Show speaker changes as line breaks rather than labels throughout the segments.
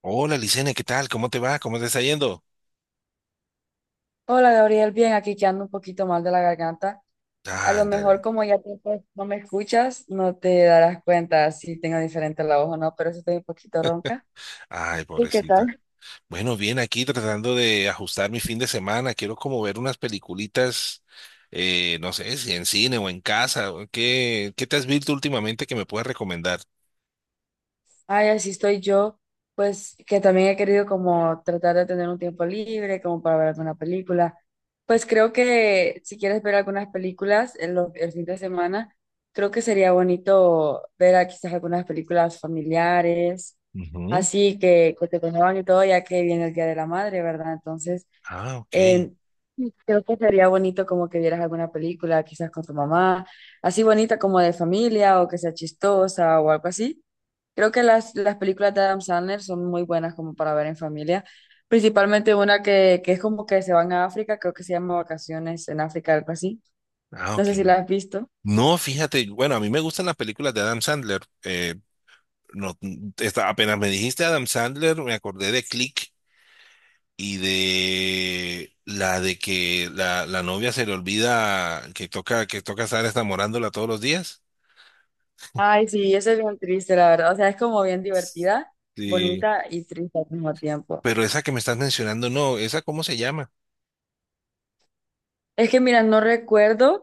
Hola, Licene, ¿qué tal? ¿Cómo te va? ¿Cómo te está yendo?
Hola Gabriel, bien, aquí que ando un poquito mal de la garganta. A lo mejor
Ándale.
como ya tiempo no me escuchas, no te darás cuenta si tengo diferente la voz o no, pero sí estoy un poquito ronca.
Ay,
¿Y qué
pobrecita.
tal?
Bueno, bien, aquí tratando de ajustar mi fin de semana. Quiero como ver unas peliculitas, no sé, si en cine o en casa. ¿Qué te has visto últimamente que me puedas recomendar?
Ay, así estoy yo, pues que también he querido como tratar de tener un tiempo libre, como para ver alguna película. Pues creo que si quieres ver algunas películas en el fin de semana, creo que sería bonito ver quizás algunas películas familiares,
Ujú.
así que te conmuevan y todo, ya que viene el Día de la Madre, ¿verdad? Entonces,
Ah, ok.
eh, creo que sería bonito como que vieras alguna película, quizás con tu mamá, así bonita como de familia o que sea chistosa o algo así. Creo que las películas de Adam Sandler son muy buenas como para ver en familia, principalmente una que es como que se van a África, creo que se llama Vacaciones en África, algo así.
Ah,
No
ok.
sé si la has visto.
No, fíjate, bueno, a mí me gustan las películas de Adam Sandler. No, está, apenas me dijiste Adam Sandler, me acordé de Click y de la de que la novia se le olvida que toca estar enamorándola todos los días.
Ay, sí, esa es bien triste, la verdad. O sea, es como bien divertida,
Sí.
bonita y triste al mismo tiempo.
Pero esa que me estás mencionando, no, ¿esa cómo se llama?
Es que, mira, no recuerdo.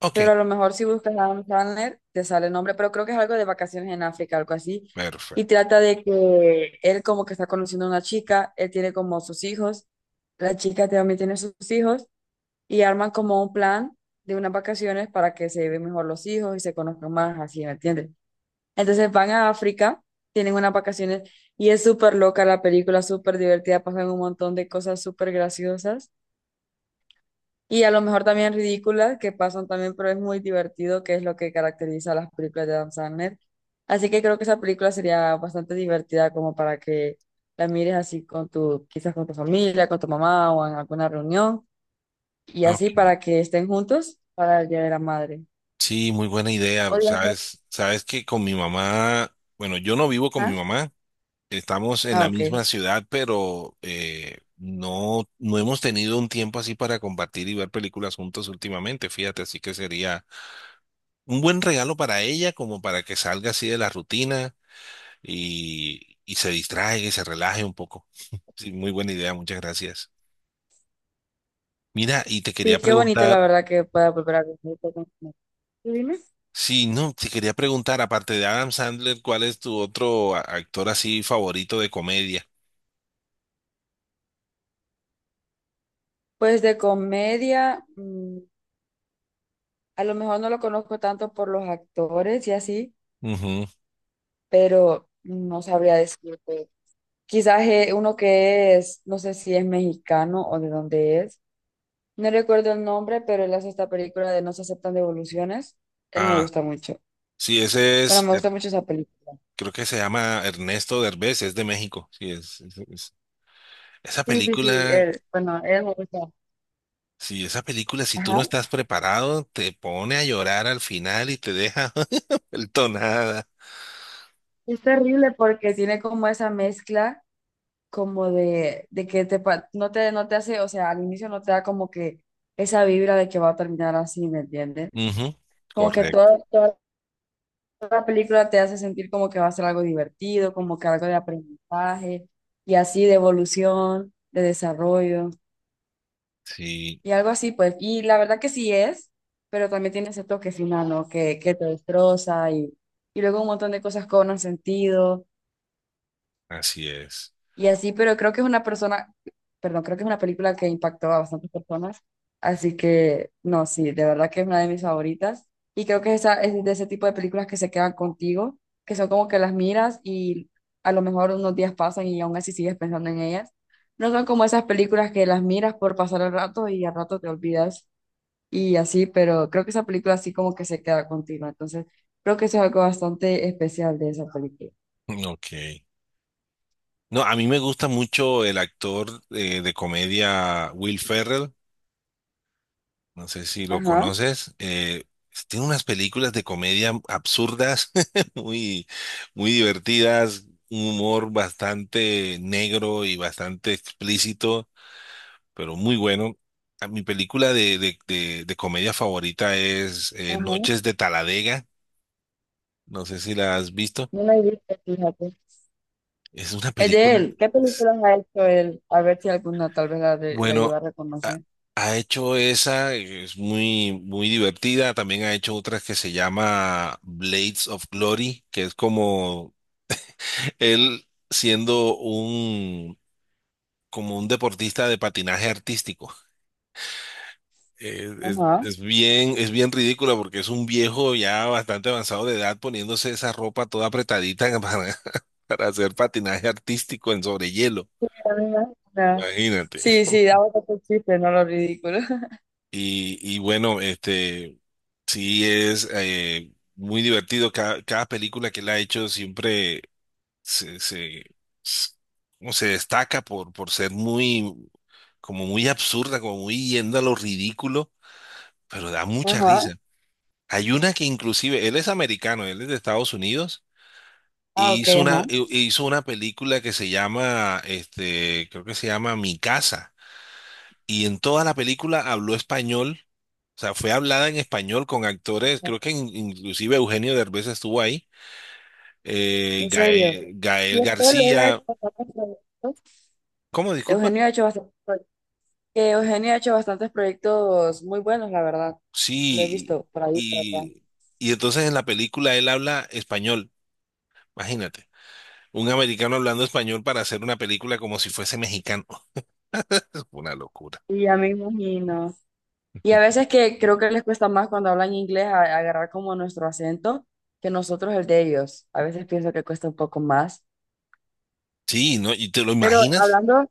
Ok,
Pero a lo mejor si buscas Adam Sandler, te sale el nombre, pero creo que es algo de vacaciones en África, algo así. Y
perfecto.
trata de que él como que está conociendo a una chica, él tiene como sus hijos, la chica también tiene sus hijos, y arman como un plan de unas vacaciones para que se lleven mejor los hijos y se conozcan más, así, ¿me entiendes? Entonces van a África, tienen unas vacaciones, y es súper loca la película, súper divertida, pasan un montón de cosas súper graciosas. Y a lo mejor también ridículas que pasan también, pero es muy divertido, que es lo que caracteriza a las películas de Adam Sandler. Así que creo que esa película sería bastante divertida como para que la mires así con tu, quizás con tu familia, con tu mamá o en alguna reunión y
Ok.
así para que estén juntos para el Día de la Madre.
Sí, muy buena
O
idea. Sabes, sabes que con mi mamá, bueno, yo no vivo con mi
¿Ah?
mamá, estamos en
Ah,
la
ok.
misma ciudad, pero no, no hemos tenido un tiempo así para compartir y ver películas juntos últimamente, fíjate, así que sería un buen regalo para ella, como para que salga así de la rutina y se distraiga y se relaje un poco. Sí, muy buena idea, muchas gracias. Mira, y te quería
Sí, qué bonito la
preguntar,
verdad que pueda volver a ver. ¿Tú dime?
sí, no, te quería preguntar, aparte de Adam Sandler, ¿cuál es tu otro actor así favorito de comedia?
Pues de comedia, a lo mejor no lo conozco tanto por los actores y así,
Ujú.
pero no sabría decirte. Quizás uno que es, no sé si es mexicano o de dónde es. No recuerdo el nombre, pero él hace esta película de No se aceptan devoluciones. Él me
Ah,
gusta mucho.
sí, ese
Bueno,
es,
me gusta mucho esa película.
Creo que se llama Ernesto Derbez, es de México. Sí, esa
Sí, sí, sí,
película,
él, bueno, él me gusta.
sí, esa película, si tú no
Ajá.
estás preparado, te pone a llorar al final y te deja. El tonada.
Es terrible porque tiene como esa mezcla como de que te, no te hace, o sea, al inicio no te da como que esa vibra de que va a terminar así, ¿me entiendes?
Ujú,
Como que
correcto.
todo, todas la película te hace sentir como que va a ser algo divertido, como que algo de aprendizaje y así de evolución, de desarrollo
Sí,
y algo así, pues. Y la verdad que sí es, pero también tiene ese toque final, ¿no? Que te destroza y luego un montón de cosas cobran sentido
así es.
y así, pero creo que es una persona, perdón, creo que es una película que impactó a bastantes personas, así que no, sí, de verdad que es una de mis favoritas y creo que esa es de ese tipo de películas que se quedan contigo, que son como que las miras y a lo mejor unos días pasan y aún así sigues pensando en ellas. No son como esas películas que las miras por pasar el rato y al rato te olvidas y así, pero creo que esa película así como que se queda contigo, entonces creo que eso es algo bastante especial de esa película.
Mm, ok. No, a mí me gusta mucho el actor de comedia Will Ferrell. No sé si lo
Ajá,
conoces. Tiene unas películas de comedia absurdas, muy, muy divertidas, un humor bastante negro y bastante explícito, pero muy bueno. A Mi película de comedia favorita es
ajá.
Noches de Taladega. No sé si la has visto.
No la he visto, fíjate.
Es una
Es de
película,
él. ¿Qué
es-
películas ha hecho él? A ver si alguna tal vez la lleva
bueno,
a
ha,
reconocer.
ha hecho esa, es muy, muy divertida. También ha hecho otras que se llama Blades of Glory, que es como él siendo como un deportista de patinaje artístico. Es,
Ajá.
es bien ridícula porque es un viejo ya bastante avanzado de edad poniéndose esa ropa toda apretadita para hacer patinaje artístico en sobre hielo.
A mí me suena.
Imagínate.
Sí, sí, daba otro chiste, no lo ridículo.
Y bueno, sí, es muy divertido. Cada película que él ha hecho siempre se, se, s- como se destaca por ser muy, como muy absurda, como muy yendo a lo ridículo, pero da mucha
Ajá.
risa. Hay una que inclusive, él es americano, él es de Estados Unidos,
Ah,
y
ok,
hizo una,
ajá.
hizo una película que se llama, creo que se llama Mi Casa, y en toda la película habló español. O sea, fue hablada en español con actores, creo que inclusive Eugenio Derbez estuvo ahí,
En serio. Y
Gael
después él ha hecho
García,
bastantes proyectos.
¿cómo? Disculpa.
Eugenio ha hecho bastantes proyectos. Que Eugenio ha hecho bastantes proyectos muy buenos, la verdad. Lo he
Sí,
visto por ahí, por acá.
y, y entonces en la película él habla español, imagínate, un americano hablando español para hacer una película como si fuese mexicano, una locura.
Y ya me imagino. Y a veces que creo que les cuesta más cuando hablan inglés agarrar como nuestro acento que nosotros el de ellos. A veces pienso que cuesta un poco más.
Sí, ¿no? ¿Y te lo
Pero
imaginas?
hablando,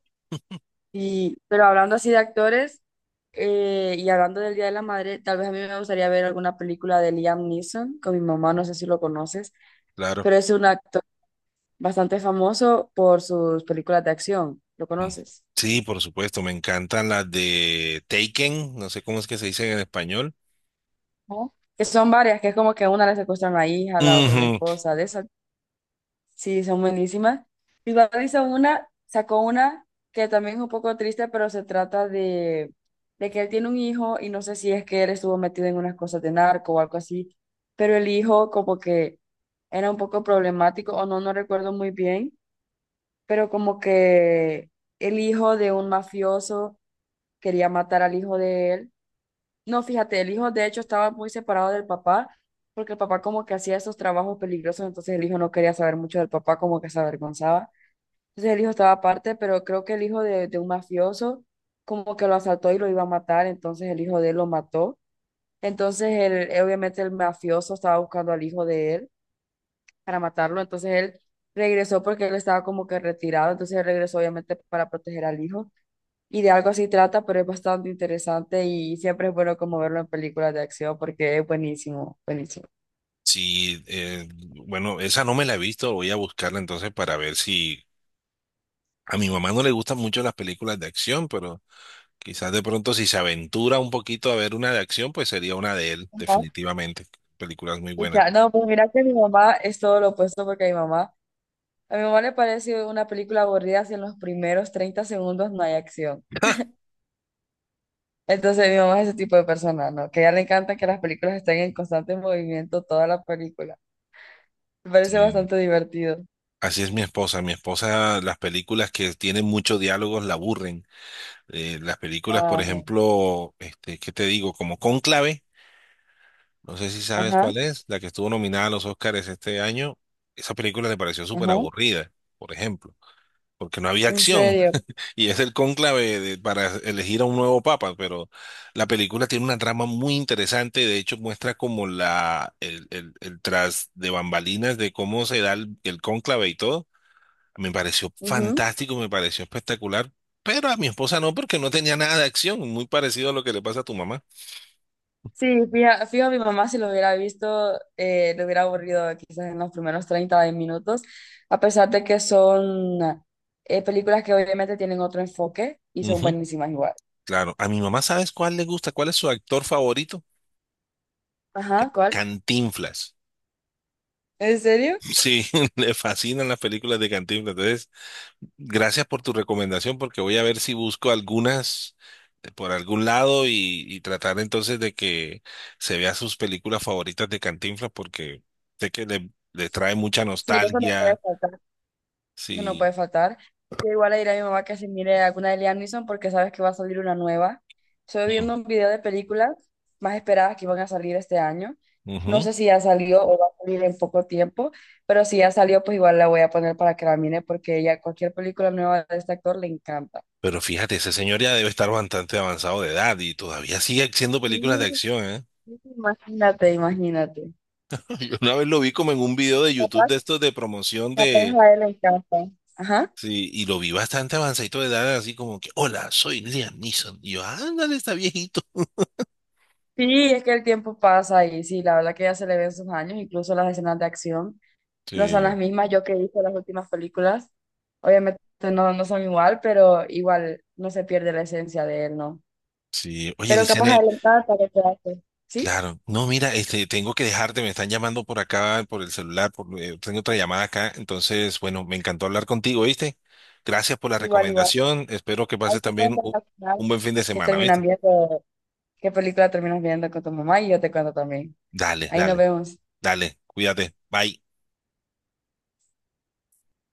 pero hablando así de actores y hablando del Día de la Madre, tal vez a mí me gustaría ver alguna película de Liam Neeson con mi mamá, no sé si lo conoces,
Claro.
pero es un actor bastante famoso por sus películas de acción. ¿Lo
Mm.
conoces?
Sí, por supuesto, me encantan las de Taken, no sé cómo es que se dicen en español.
¿No? Que son varias, que es como que a una le secuestran a la hija, a la otra a la
Ujú.
esposa, de esas. Sí, son buenísimas. Mi papá hizo una, sacó una que también es un poco triste, pero se trata de que él tiene un hijo y no sé si es que él estuvo metido en unas cosas de narco o algo así, pero el hijo como que era un poco problemático o no, no recuerdo muy bien, pero como que el hijo de un mafioso quería matar al hijo de él. No, fíjate, el hijo de hecho estaba muy separado del papá porque el papá como que hacía esos trabajos peligrosos, entonces el hijo no quería saber mucho del papá, como que se avergonzaba. Entonces el hijo estaba aparte, pero creo que el hijo de un mafioso como que lo asaltó y lo iba a matar, entonces el hijo de él lo mató. Entonces él, obviamente el mafioso estaba buscando al hijo de él para matarlo, entonces él regresó porque él estaba como que retirado, entonces él regresó obviamente para proteger al hijo. Y de algo así trata, pero es bastante interesante y siempre es bueno como verlo en películas de acción porque es buenísimo, buenísimo.
Sí, bueno, esa no me la he visto, voy a buscarla entonces para ver si a mi mamá no le gustan mucho las películas de acción, pero quizás de pronto si se aventura un poquito a ver una de acción, pues sería una de él,
Ajá.
definitivamente. Películas muy buenas.
Pucha, no, pues mira que mi mamá es todo lo opuesto porque mi mamá a mi mamá le parece una película aburrida si en los primeros 30 segundos no hay acción. Entonces mi mamá es ese tipo de persona, ¿no? Que a ella le encanta que las películas estén en constante movimiento toda la película. Me parece
Sí.
bastante divertido.
Así es mi esposa. Mi esposa, las películas que tienen muchos diálogos la aburren. Las películas, por
Ajá,
ejemplo, ¿qué te digo? Como Cónclave. No sé si sabes
ajá,
cuál es, la que estuvo nominada a los Oscars este año. Esa película me pareció súper
ajá.
aburrida, por ejemplo, porque no había
En
acción.
serio.
Y es el para elegir a un nuevo papa, pero la película tiene una trama muy interesante. De hecho, muestra como el tras de bambalinas de cómo se da el cónclave y todo. Me pareció
Ujú.
fantástico, me pareció espectacular. Pero a mi esposa no, porque no tenía nada de acción, muy parecido a lo que le pasa a tu mamá.
Sí, fijo, mi mamá si lo hubiera visto, le hubiera aburrido quizás en los primeros 30 de minutos, a pesar de que son películas que obviamente tienen otro enfoque y son buenísimas igual.
Claro, a mi mamá, ¿sabes cuál le gusta? ¿Cuál es su actor favorito?
Ajá, ¿cuál?
Cantinflas.
¿En serio?
Sí, le fascinan las películas de Cantinflas. Entonces, gracias por tu recomendación porque voy a ver si busco algunas por algún lado y tratar entonces de que se vea sus películas favoritas de Cantinflas porque sé que le trae mucha
Sí, eso no puede
nostalgia.
faltar. Eso no
Sí.
puede faltar. Yo igual le diré a mi mamá que se mire alguna de Liam Neeson porque sabes que va a salir una nueva. Estoy
Mm,
viendo un video de películas más esperadas que van a salir este año. No
ujú.
sé si ya salió o va a salir en poco tiempo, pero si ya salió, pues igual la voy a poner para que la mire porque ella cualquier película nueva de este actor le encanta.
Pero fíjate, ese señor ya debe estar bastante avanzado de edad y todavía sigue haciendo películas de
Mm,
acción, ¿eh?
imagínate, imagínate.
Yo una vez lo vi como en un video de YouTube
Capaz,
de estos de promoción
capaz
de...
a él le encanta. Ajá.
Sí, y lo vi bastante avanzadito de edad, así como que, hola, soy Liam Neeson. Y yo, ándale, está viejito.
Sí, es que el tiempo pasa y sí, la verdad que ya se le ven sus años, incluso las escenas de acción no son
Sí,
las mismas yo que he las últimas películas. Obviamente no son igual, pero igual no se pierde la esencia de él, ¿no?
sí. Oye,
Pero capaz
Licene,
adelantada para que te hace. ¿Sí?
claro. No, mira, tengo que dejarte, me están llamando por acá, por el celular, tengo otra llamada acá. Entonces, bueno, me encantó hablar contigo, ¿viste? Gracias por la
Igual, igual.
recomendación. Espero que
Ahí
pases
te
también
cuento al final
un buen fin de
que
semana,
terminan
¿viste?
viendo, qué película terminas viendo con tu mamá y yo te cuento también.
Dale,
Ahí nos
dale,
vemos.
dale. Cuídate. Bye.